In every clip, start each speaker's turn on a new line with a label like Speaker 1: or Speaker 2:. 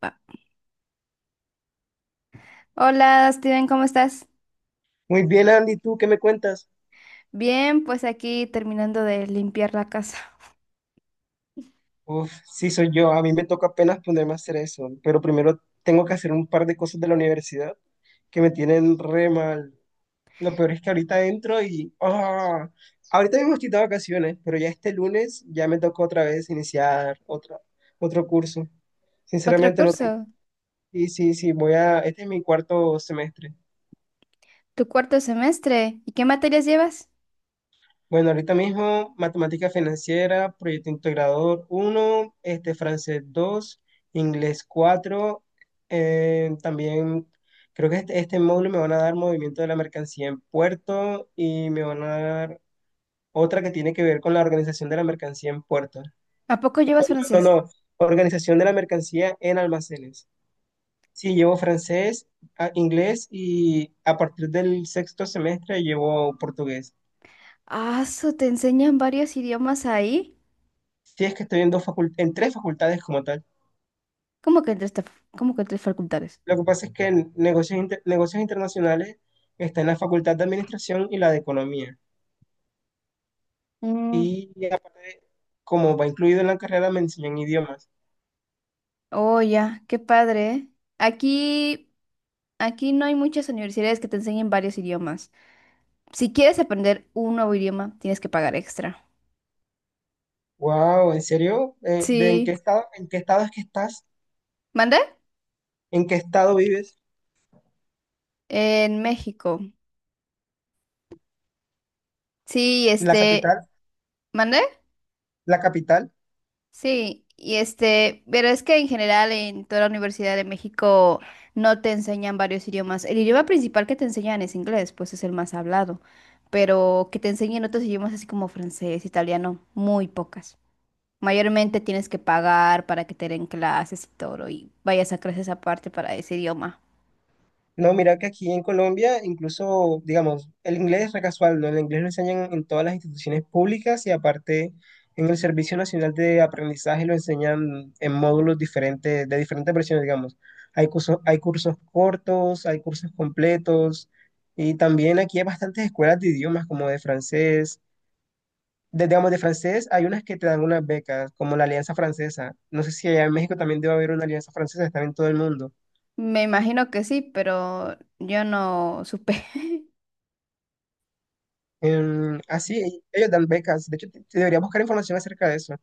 Speaker 1: Va. Hola, Steven, ¿cómo estás?
Speaker 2: Muy bien, Andy, ¿tú qué me cuentas?
Speaker 1: Bien, pues aquí terminando de limpiar la casa.
Speaker 2: Uf, sí soy yo, a mí me toca apenas ponerme a hacer eso, pero primero tengo que hacer un par de cosas de la universidad que me tienen re mal. Lo peor es que ahorita entro. Ahorita mismo estoy de vacaciones, pero ya este lunes ya me tocó otra vez iniciar otro curso.
Speaker 1: Otro
Speaker 2: Sinceramente no tengo.
Speaker 1: curso,
Speaker 2: Sí, sí, sí. Este es mi cuarto semestre.
Speaker 1: tu cuarto semestre. ¿Y qué materias llevas?
Speaker 2: Bueno, ahorita mismo matemática financiera, proyecto integrador uno, francés 2, inglés 4, también creo que este módulo me van a dar movimiento de la mercancía en puerto y me van a dar otra que tiene que ver con la organización de la mercancía en puerto.
Speaker 1: ¿A poco llevas
Speaker 2: No,
Speaker 1: francés?
Speaker 2: no, organización de la mercancía en almacenes. Sí, llevo francés, inglés y a partir del sexto semestre llevo portugués.
Speaker 1: Ah, su, ¿te enseñan varios idiomas ahí?
Speaker 2: Sí, es que estoy en en tres facultades como tal.
Speaker 1: ¿Cómo que en tres, cómo que en tres facultades?
Speaker 2: Lo que pasa es que en negocios internacionales está en la Facultad de Administración y la de Economía.
Speaker 1: Mm.
Speaker 2: Y aparte, como va incluido en la carrera, me enseñan idiomas.
Speaker 1: Oh, ya, qué padre, ¿eh? Aquí, Aquí no hay muchas universidades que te enseñen varios idiomas. Si quieres aprender un nuevo idioma, tienes que pagar extra.
Speaker 2: Wow, ¿en serio? ¿De
Speaker 1: Sí.
Speaker 2: en qué estado es que estás?
Speaker 1: ¿Mande?
Speaker 2: ¿En qué estado vives?
Speaker 1: En México. Sí,
Speaker 2: ¿La capital?
Speaker 1: ¿mande?
Speaker 2: ¿La capital?
Speaker 1: Sí, y este, pero es que en general en toda la Universidad de México no te enseñan varios idiomas. El idioma principal que te enseñan es inglés, pues es el más hablado, pero que te enseñen otros idiomas así como francés, italiano, muy pocas. Mayormente tienes que pagar para que te den clases y todo, y vayas a clases aparte para ese idioma.
Speaker 2: No, mira que aquí en Colombia, incluso, digamos, el inglés es re casual, ¿no? El inglés lo enseñan en todas las instituciones públicas y aparte en el Servicio Nacional de Aprendizaje lo enseñan en módulos diferentes, de diferentes versiones, digamos. Hay cursos cortos, hay cursos completos y también aquí hay bastantes escuelas de idiomas como de francés. Digamos, de francés hay unas que te dan unas becas, como la Alianza Francesa. No sé si allá en México también debe haber una Alianza Francesa, están en todo el mundo.
Speaker 1: Me imagino que sí, pero yo no supe.
Speaker 2: Así, ellos dan becas. De hecho, te debería buscar información acerca de eso.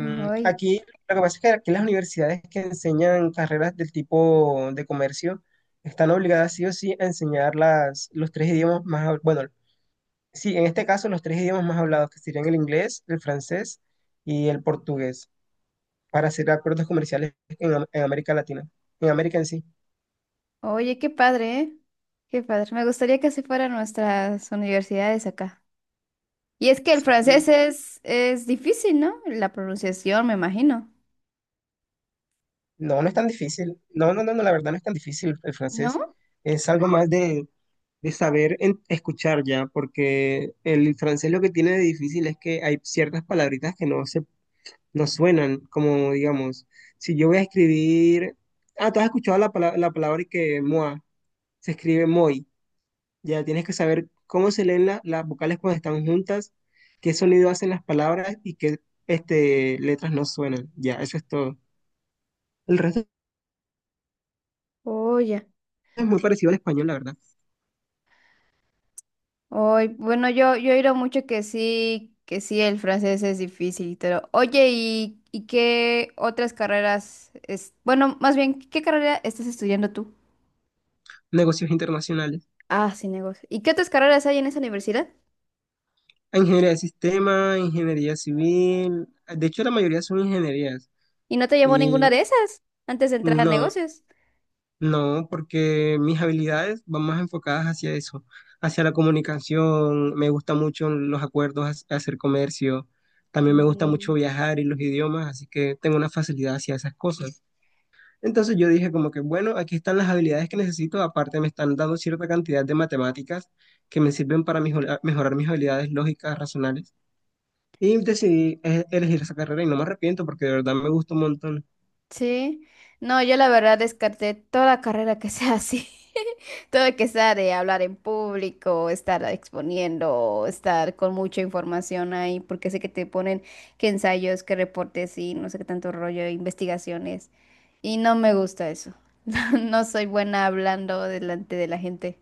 Speaker 1: Ay.
Speaker 2: aquí, lo que pasa es que aquí las universidades que enseñan carreras del tipo de comercio están obligadas sí o sí a enseñar los tres idiomas más, bueno, sí, en este caso los tres idiomas más hablados, que serían el inglés, el francés y el portugués, para hacer acuerdos comerciales en América Latina, en América en sí.
Speaker 1: Oye, qué padre, ¿eh? Qué padre. Me gustaría que así fueran nuestras universidades acá. Y es que el francés
Speaker 2: Sí.
Speaker 1: es difícil, ¿no? La pronunciación, me imagino.
Speaker 2: No, no es tan difícil. No, no, no, no, la verdad no es tan difícil el francés.
Speaker 1: ¿No?
Speaker 2: Es algo más de, saber escuchar ya, porque el francés lo que tiene de difícil es que hay ciertas palabritas que no suenan, como digamos, si yo voy a escribir, ah, tú has escuchado la palabra y que moi, se escribe moi, ya tienes que saber cómo se leen las vocales cuando están juntas, qué sonido hacen las palabras y qué letras no suenan, ya, eso es todo. El resto
Speaker 1: Oye.
Speaker 2: es muy parecido al español, la verdad.
Speaker 1: Oye, bueno, yo he oído mucho que sí, el francés es difícil, pero oye, ¿ y qué otras carreras es? Bueno, más bien, ¿qué carrera estás estudiando tú?
Speaker 2: Negocios internacionales.
Speaker 1: Ah, sí, negocios. ¿Y qué otras carreras hay en esa universidad?
Speaker 2: A Ingeniería de sistema, ingeniería civil. De hecho, la mayoría son ingenierías.
Speaker 1: ¿Y no te llamó ninguna
Speaker 2: Y
Speaker 1: de esas antes de entrar a
Speaker 2: no,
Speaker 1: negocios?
Speaker 2: no, porque mis habilidades van más enfocadas hacia eso, hacia la comunicación. Me gusta mucho los acuerdos, hacer comercio. También me gusta mucho
Speaker 1: Mm.
Speaker 2: viajar y los idiomas, así que tengo una facilidad hacia esas cosas. Entonces yo dije como que, bueno, aquí están las habilidades que necesito, aparte me están dando cierta cantidad de matemáticas que me sirven para mejorar mis habilidades lógicas, racionales. Y decidí elegir esa carrera y no me arrepiento porque de verdad me gusta un montón.
Speaker 1: Sí, no, yo la verdad descarté toda carrera que sea así, todo que sea de hablar en público, estar exponiendo, o estar con mucha información ahí, porque sé que te ponen que ensayos, que reportes y no sé qué tanto rollo, investigaciones, y no me gusta eso. No soy buena hablando delante de la gente,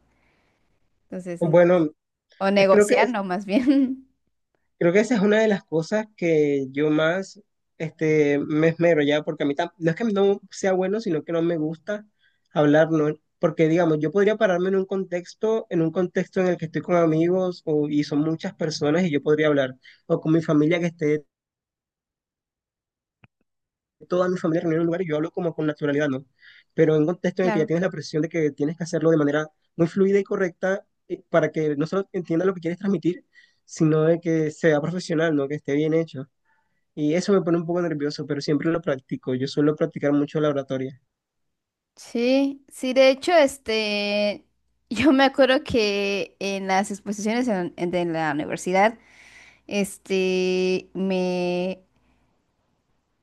Speaker 1: entonces no.
Speaker 2: Bueno,
Speaker 1: O
Speaker 2: eh, creo que, es-
Speaker 1: negociando más bien.
Speaker 2: creo que esa es una de las cosas que yo más me esmero ya, porque a mí no es que no sea bueno, sino que no me gusta hablar, ¿no? Porque digamos, yo podría pararme en un contexto en el que estoy con amigos y son muchas personas y yo podría hablar, o con mi familia que esté toda mi familia reunida en un lugar y yo hablo como con naturalidad, ¿no? Pero en un contexto en el que ya
Speaker 1: Claro.
Speaker 2: tienes la presión de que tienes que hacerlo de manera muy fluida y correcta para que no solo entienda lo que quieres transmitir, sino de que sea profesional, ¿no? Que esté bien hecho. Y eso me pone un poco nervioso, pero siempre lo practico. Yo suelo practicar mucho la oratoria.
Speaker 1: Sí, sí, de hecho, yo me acuerdo que en las exposiciones de la universidad, este, me,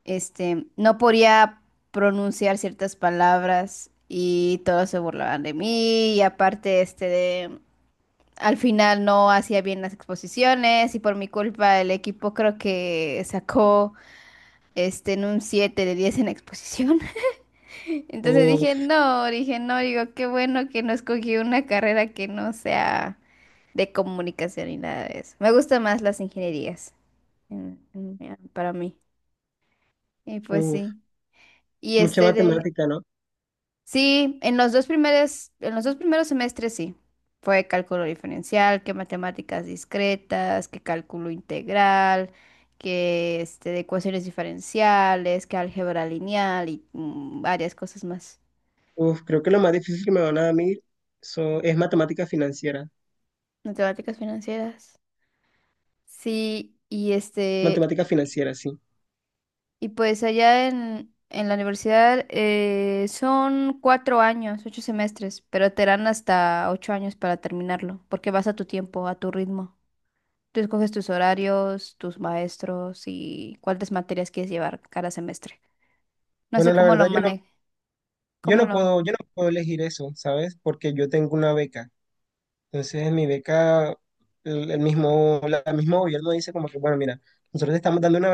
Speaker 1: no podía pronunciar ciertas palabras y todos se burlaban de mí y aparte, al final no hacía bien las exposiciones y por mi culpa el equipo creo que sacó, en un 7 de 10 en la exposición. Entonces
Speaker 2: Uf,
Speaker 1: dije, no, digo, qué bueno que no escogí una carrera que no sea de comunicación y nada de eso. Me gustan más las ingenierías para mí. Y pues
Speaker 2: uf,
Speaker 1: sí. Y
Speaker 2: mucha
Speaker 1: este de...
Speaker 2: matemática, ¿no?
Speaker 1: Sí, en los dos primeros, en los dos primeros semestres sí. Fue cálculo diferencial, que matemáticas discretas, que cálculo integral, que este, de ecuaciones diferenciales, que álgebra lineal y mm, varias cosas más.
Speaker 2: Uf, creo que lo más difícil que me van a dar a mí es matemática financiera.
Speaker 1: Matemáticas financieras. Sí, y este,
Speaker 2: Matemática financiera, sí.
Speaker 1: y pues allá en la universidad son 4 años, 8 semestres, pero te dan hasta 8 años para terminarlo, porque vas a tu tiempo, a tu ritmo. Tú escoges tus horarios, tus maestros y cuántas materias quieres llevar cada semestre. No sé
Speaker 2: Bueno, la
Speaker 1: cómo lo
Speaker 2: verdad yo no,
Speaker 1: manejo,
Speaker 2: yo
Speaker 1: cómo
Speaker 2: no
Speaker 1: lo...
Speaker 2: puedo, yo no puedo elegir eso, ¿sabes? Porque yo tengo una beca. Entonces, en mi beca, el mismo gobierno dice como que, bueno, mira, nosotros te estamos dando una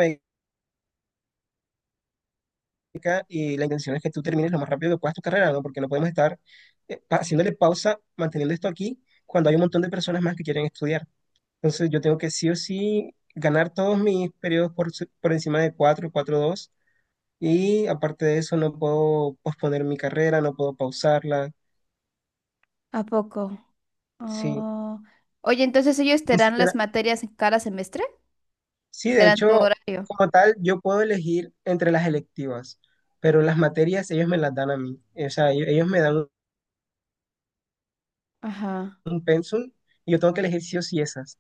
Speaker 2: beca y la intención es que tú termines lo más rápido que puedas tu carrera, ¿no? Porque no podemos estar haciéndole pausa, manteniendo esto aquí, cuando hay un montón de personas más que quieren estudiar. Entonces, yo tengo que sí o sí ganar todos mis periodos por encima de 4 4 dos. Y aparte de eso, no puedo posponer mi carrera, no puedo pausarla.
Speaker 1: ¿A poco?
Speaker 2: Sí.
Speaker 1: Oh. Oye, entonces ellos te
Speaker 2: Ni
Speaker 1: dan
Speaker 2: siquiera.
Speaker 1: las materias en cada semestre,
Speaker 2: Sí,
Speaker 1: te
Speaker 2: de
Speaker 1: dan tu
Speaker 2: hecho,
Speaker 1: horario.
Speaker 2: como tal, yo puedo elegir entre las electivas, pero las materias ellos me las dan a mí. O sea, ellos me dan un
Speaker 1: Ajá.
Speaker 2: pensum y yo tengo que elegir sí o sí esas.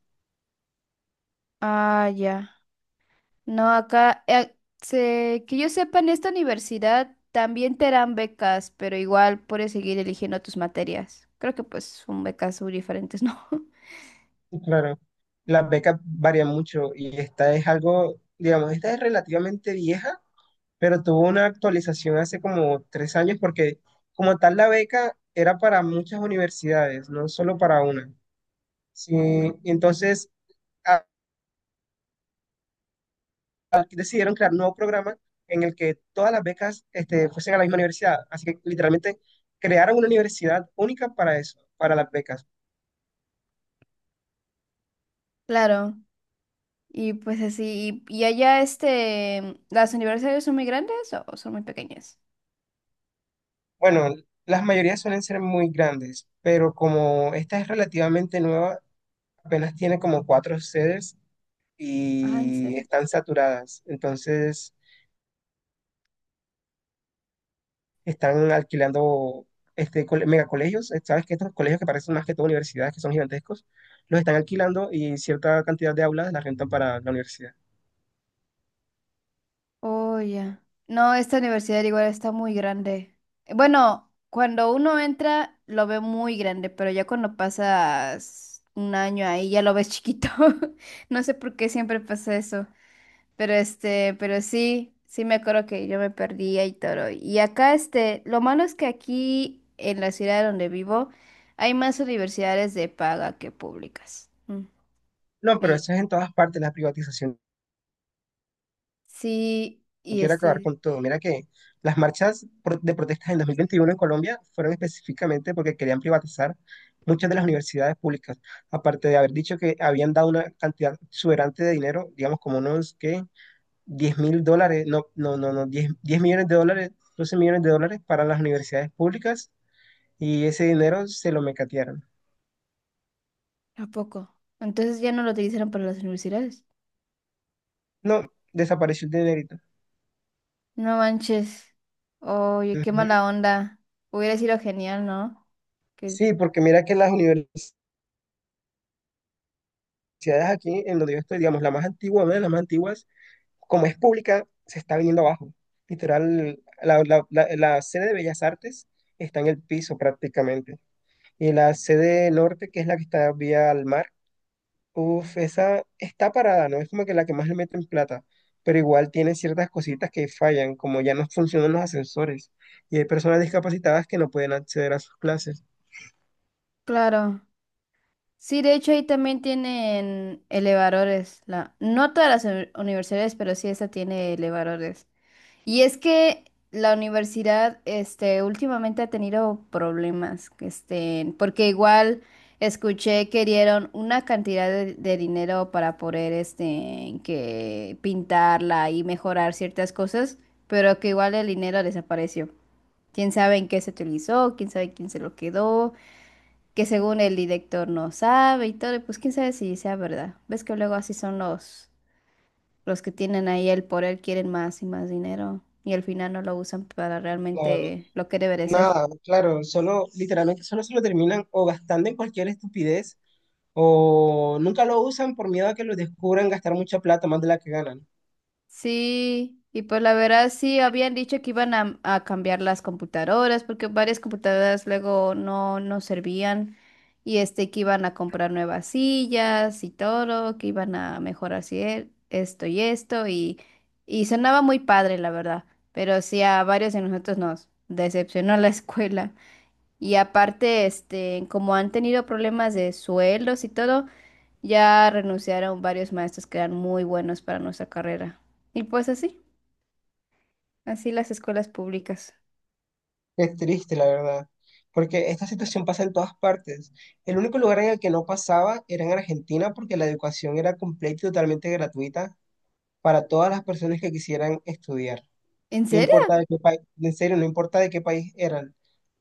Speaker 1: Ah, ya. No, acá, que yo sepa, en esta universidad también te dan becas, pero igual puedes seguir eligiendo tus materias. Creo que pues son becas muy diferentes, ¿no?
Speaker 2: Y, claro, las becas varían mucho y esta es algo, digamos, esta es relativamente vieja, pero tuvo una actualización hace como 3 años porque como tal la beca era para muchas universidades, no solo para una. Sí, entonces decidieron crear un nuevo programa en el que todas las becas fuesen a la misma universidad. Así que literalmente crearon una universidad única para eso, para las becas.
Speaker 1: Claro, y pues así, y allá este, ¿las universidades son muy grandes o son muy pequeñas?
Speaker 2: Bueno, las mayorías suelen ser muy grandes, pero como esta es relativamente nueva, apenas tiene como cuatro sedes
Speaker 1: Ah, ¿en
Speaker 2: y
Speaker 1: serio?
Speaker 2: están saturadas. Entonces están alquilando megacolegios. Sabes que estos colegios que parecen más que todo universidades, que son gigantescos, los están alquilando y cierta cantidad de aulas las rentan para la universidad.
Speaker 1: Oh, ya. No, esta universidad igual está muy grande. Bueno, cuando uno entra lo ve muy grande, pero ya cuando pasas un año ahí ya lo ves chiquito. No sé por qué siempre pasa eso. Pero este, pero sí, sí me acuerdo que yo me perdía y todo. Y acá este, lo malo es que aquí en la ciudad donde vivo hay más universidades de paga que públicas. Mm.
Speaker 2: No, pero
Speaker 1: Y-
Speaker 2: eso es en todas partes, la privatización
Speaker 1: Sí, y
Speaker 2: quiere acabar
Speaker 1: este.
Speaker 2: con todo. Mira que las marchas de protestas en 2021 en Colombia fueron específicamente porque querían privatizar muchas de las universidades públicas, aparte de haber dicho que habían dado una cantidad exuberante de dinero, digamos como unos que 10.000 dólares, no, no, no, no, diez millones de dólares, 12 millones de dólares para las universidades públicas y ese dinero se lo mecatearon.
Speaker 1: ¿A poco? Entonces ya no lo utilizaron para las universidades.
Speaker 2: No, desapareció el dinerito.
Speaker 1: No manches. Oye, qué
Speaker 2: Ujú.
Speaker 1: mala onda. Hubiera sido genial, ¿no? Que,
Speaker 2: Sí, porque mira que las universidades aquí en donde yo estoy, digamos, la más antigua, una de las más antiguas, como es pública, se está viniendo abajo. Literal, la sede de Bellas Artes está en el piso prácticamente. Y la sede norte, que es la que está vía al mar, uff, esa está parada, ¿no? Es como que la que más le meten plata. Pero igual tiene ciertas cositas que fallan, como ya no funcionan los ascensores. Y hay personas discapacitadas que no pueden acceder a sus clases.
Speaker 1: claro. Sí, de hecho ahí también tienen elevadores. No todas las universidades, pero sí esta tiene elevadores. Y es que la universidad, este, últimamente ha tenido problemas, este, porque igual escuché que dieron una cantidad de dinero para poder, este, que pintarla y mejorar ciertas cosas, pero que igual el dinero desapareció. Quién sabe en qué se utilizó, quién sabe quién se lo quedó, que según el director no sabe y todo, y pues quién sabe si sea verdad. Ves que luego así son los que tienen ahí el poder quieren más y más dinero y al final no lo usan para
Speaker 2: Claro,
Speaker 1: realmente lo que debe de ser.
Speaker 2: nada, claro, solo, literalmente, solo se lo terminan o gastando en cualquier estupidez o nunca lo usan por miedo a que los descubran gastar mucha plata más de la que ganan.
Speaker 1: Sí, y pues la verdad sí habían dicho que iban a cambiar las computadoras porque varias computadoras luego no servían y este que iban a comprar nuevas sillas y todo, que iban a mejorar esto y esto y sonaba muy padre la verdad, pero sí a varios de nosotros nos decepcionó la escuela. Y aparte, este, como han tenido problemas de sueldos y todo, ya renunciaron varios maestros que eran muy buenos para nuestra carrera. Y pues así, así las escuelas públicas.
Speaker 2: Es triste, la verdad, porque esta situación pasa en todas partes. El único lugar en el que no pasaba era en Argentina porque la educación era completa y totalmente gratuita para todas las personas que quisieran estudiar.
Speaker 1: ¿En
Speaker 2: No
Speaker 1: serio?
Speaker 2: importa de qué país, en serio, no importa de qué país eran.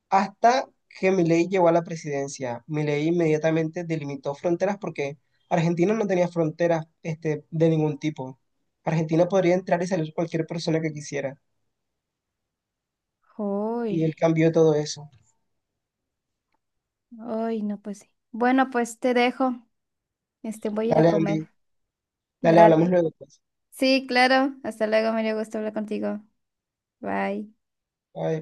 Speaker 2: Hasta que Milei llegó a la presidencia. Milei inmediatamente delimitó fronteras porque Argentina no tenía fronteras de ningún tipo. Argentina podría entrar y salir cualquier persona que quisiera. Y él
Speaker 1: Uy,
Speaker 2: cambió todo eso.
Speaker 1: uy, no, pues sí. Bueno, pues te dejo. Este, voy a ir a
Speaker 2: Dale,
Speaker 1: comer.
Speaker 2: Andy. Dale, hablamos
Speaker 1: Dale.
Speaker 2: luego, pues.
Speaker 1: Sí, claro. Hasta luego, me dio gusto hablar contigo. Bye.
Speaker 2: Bye.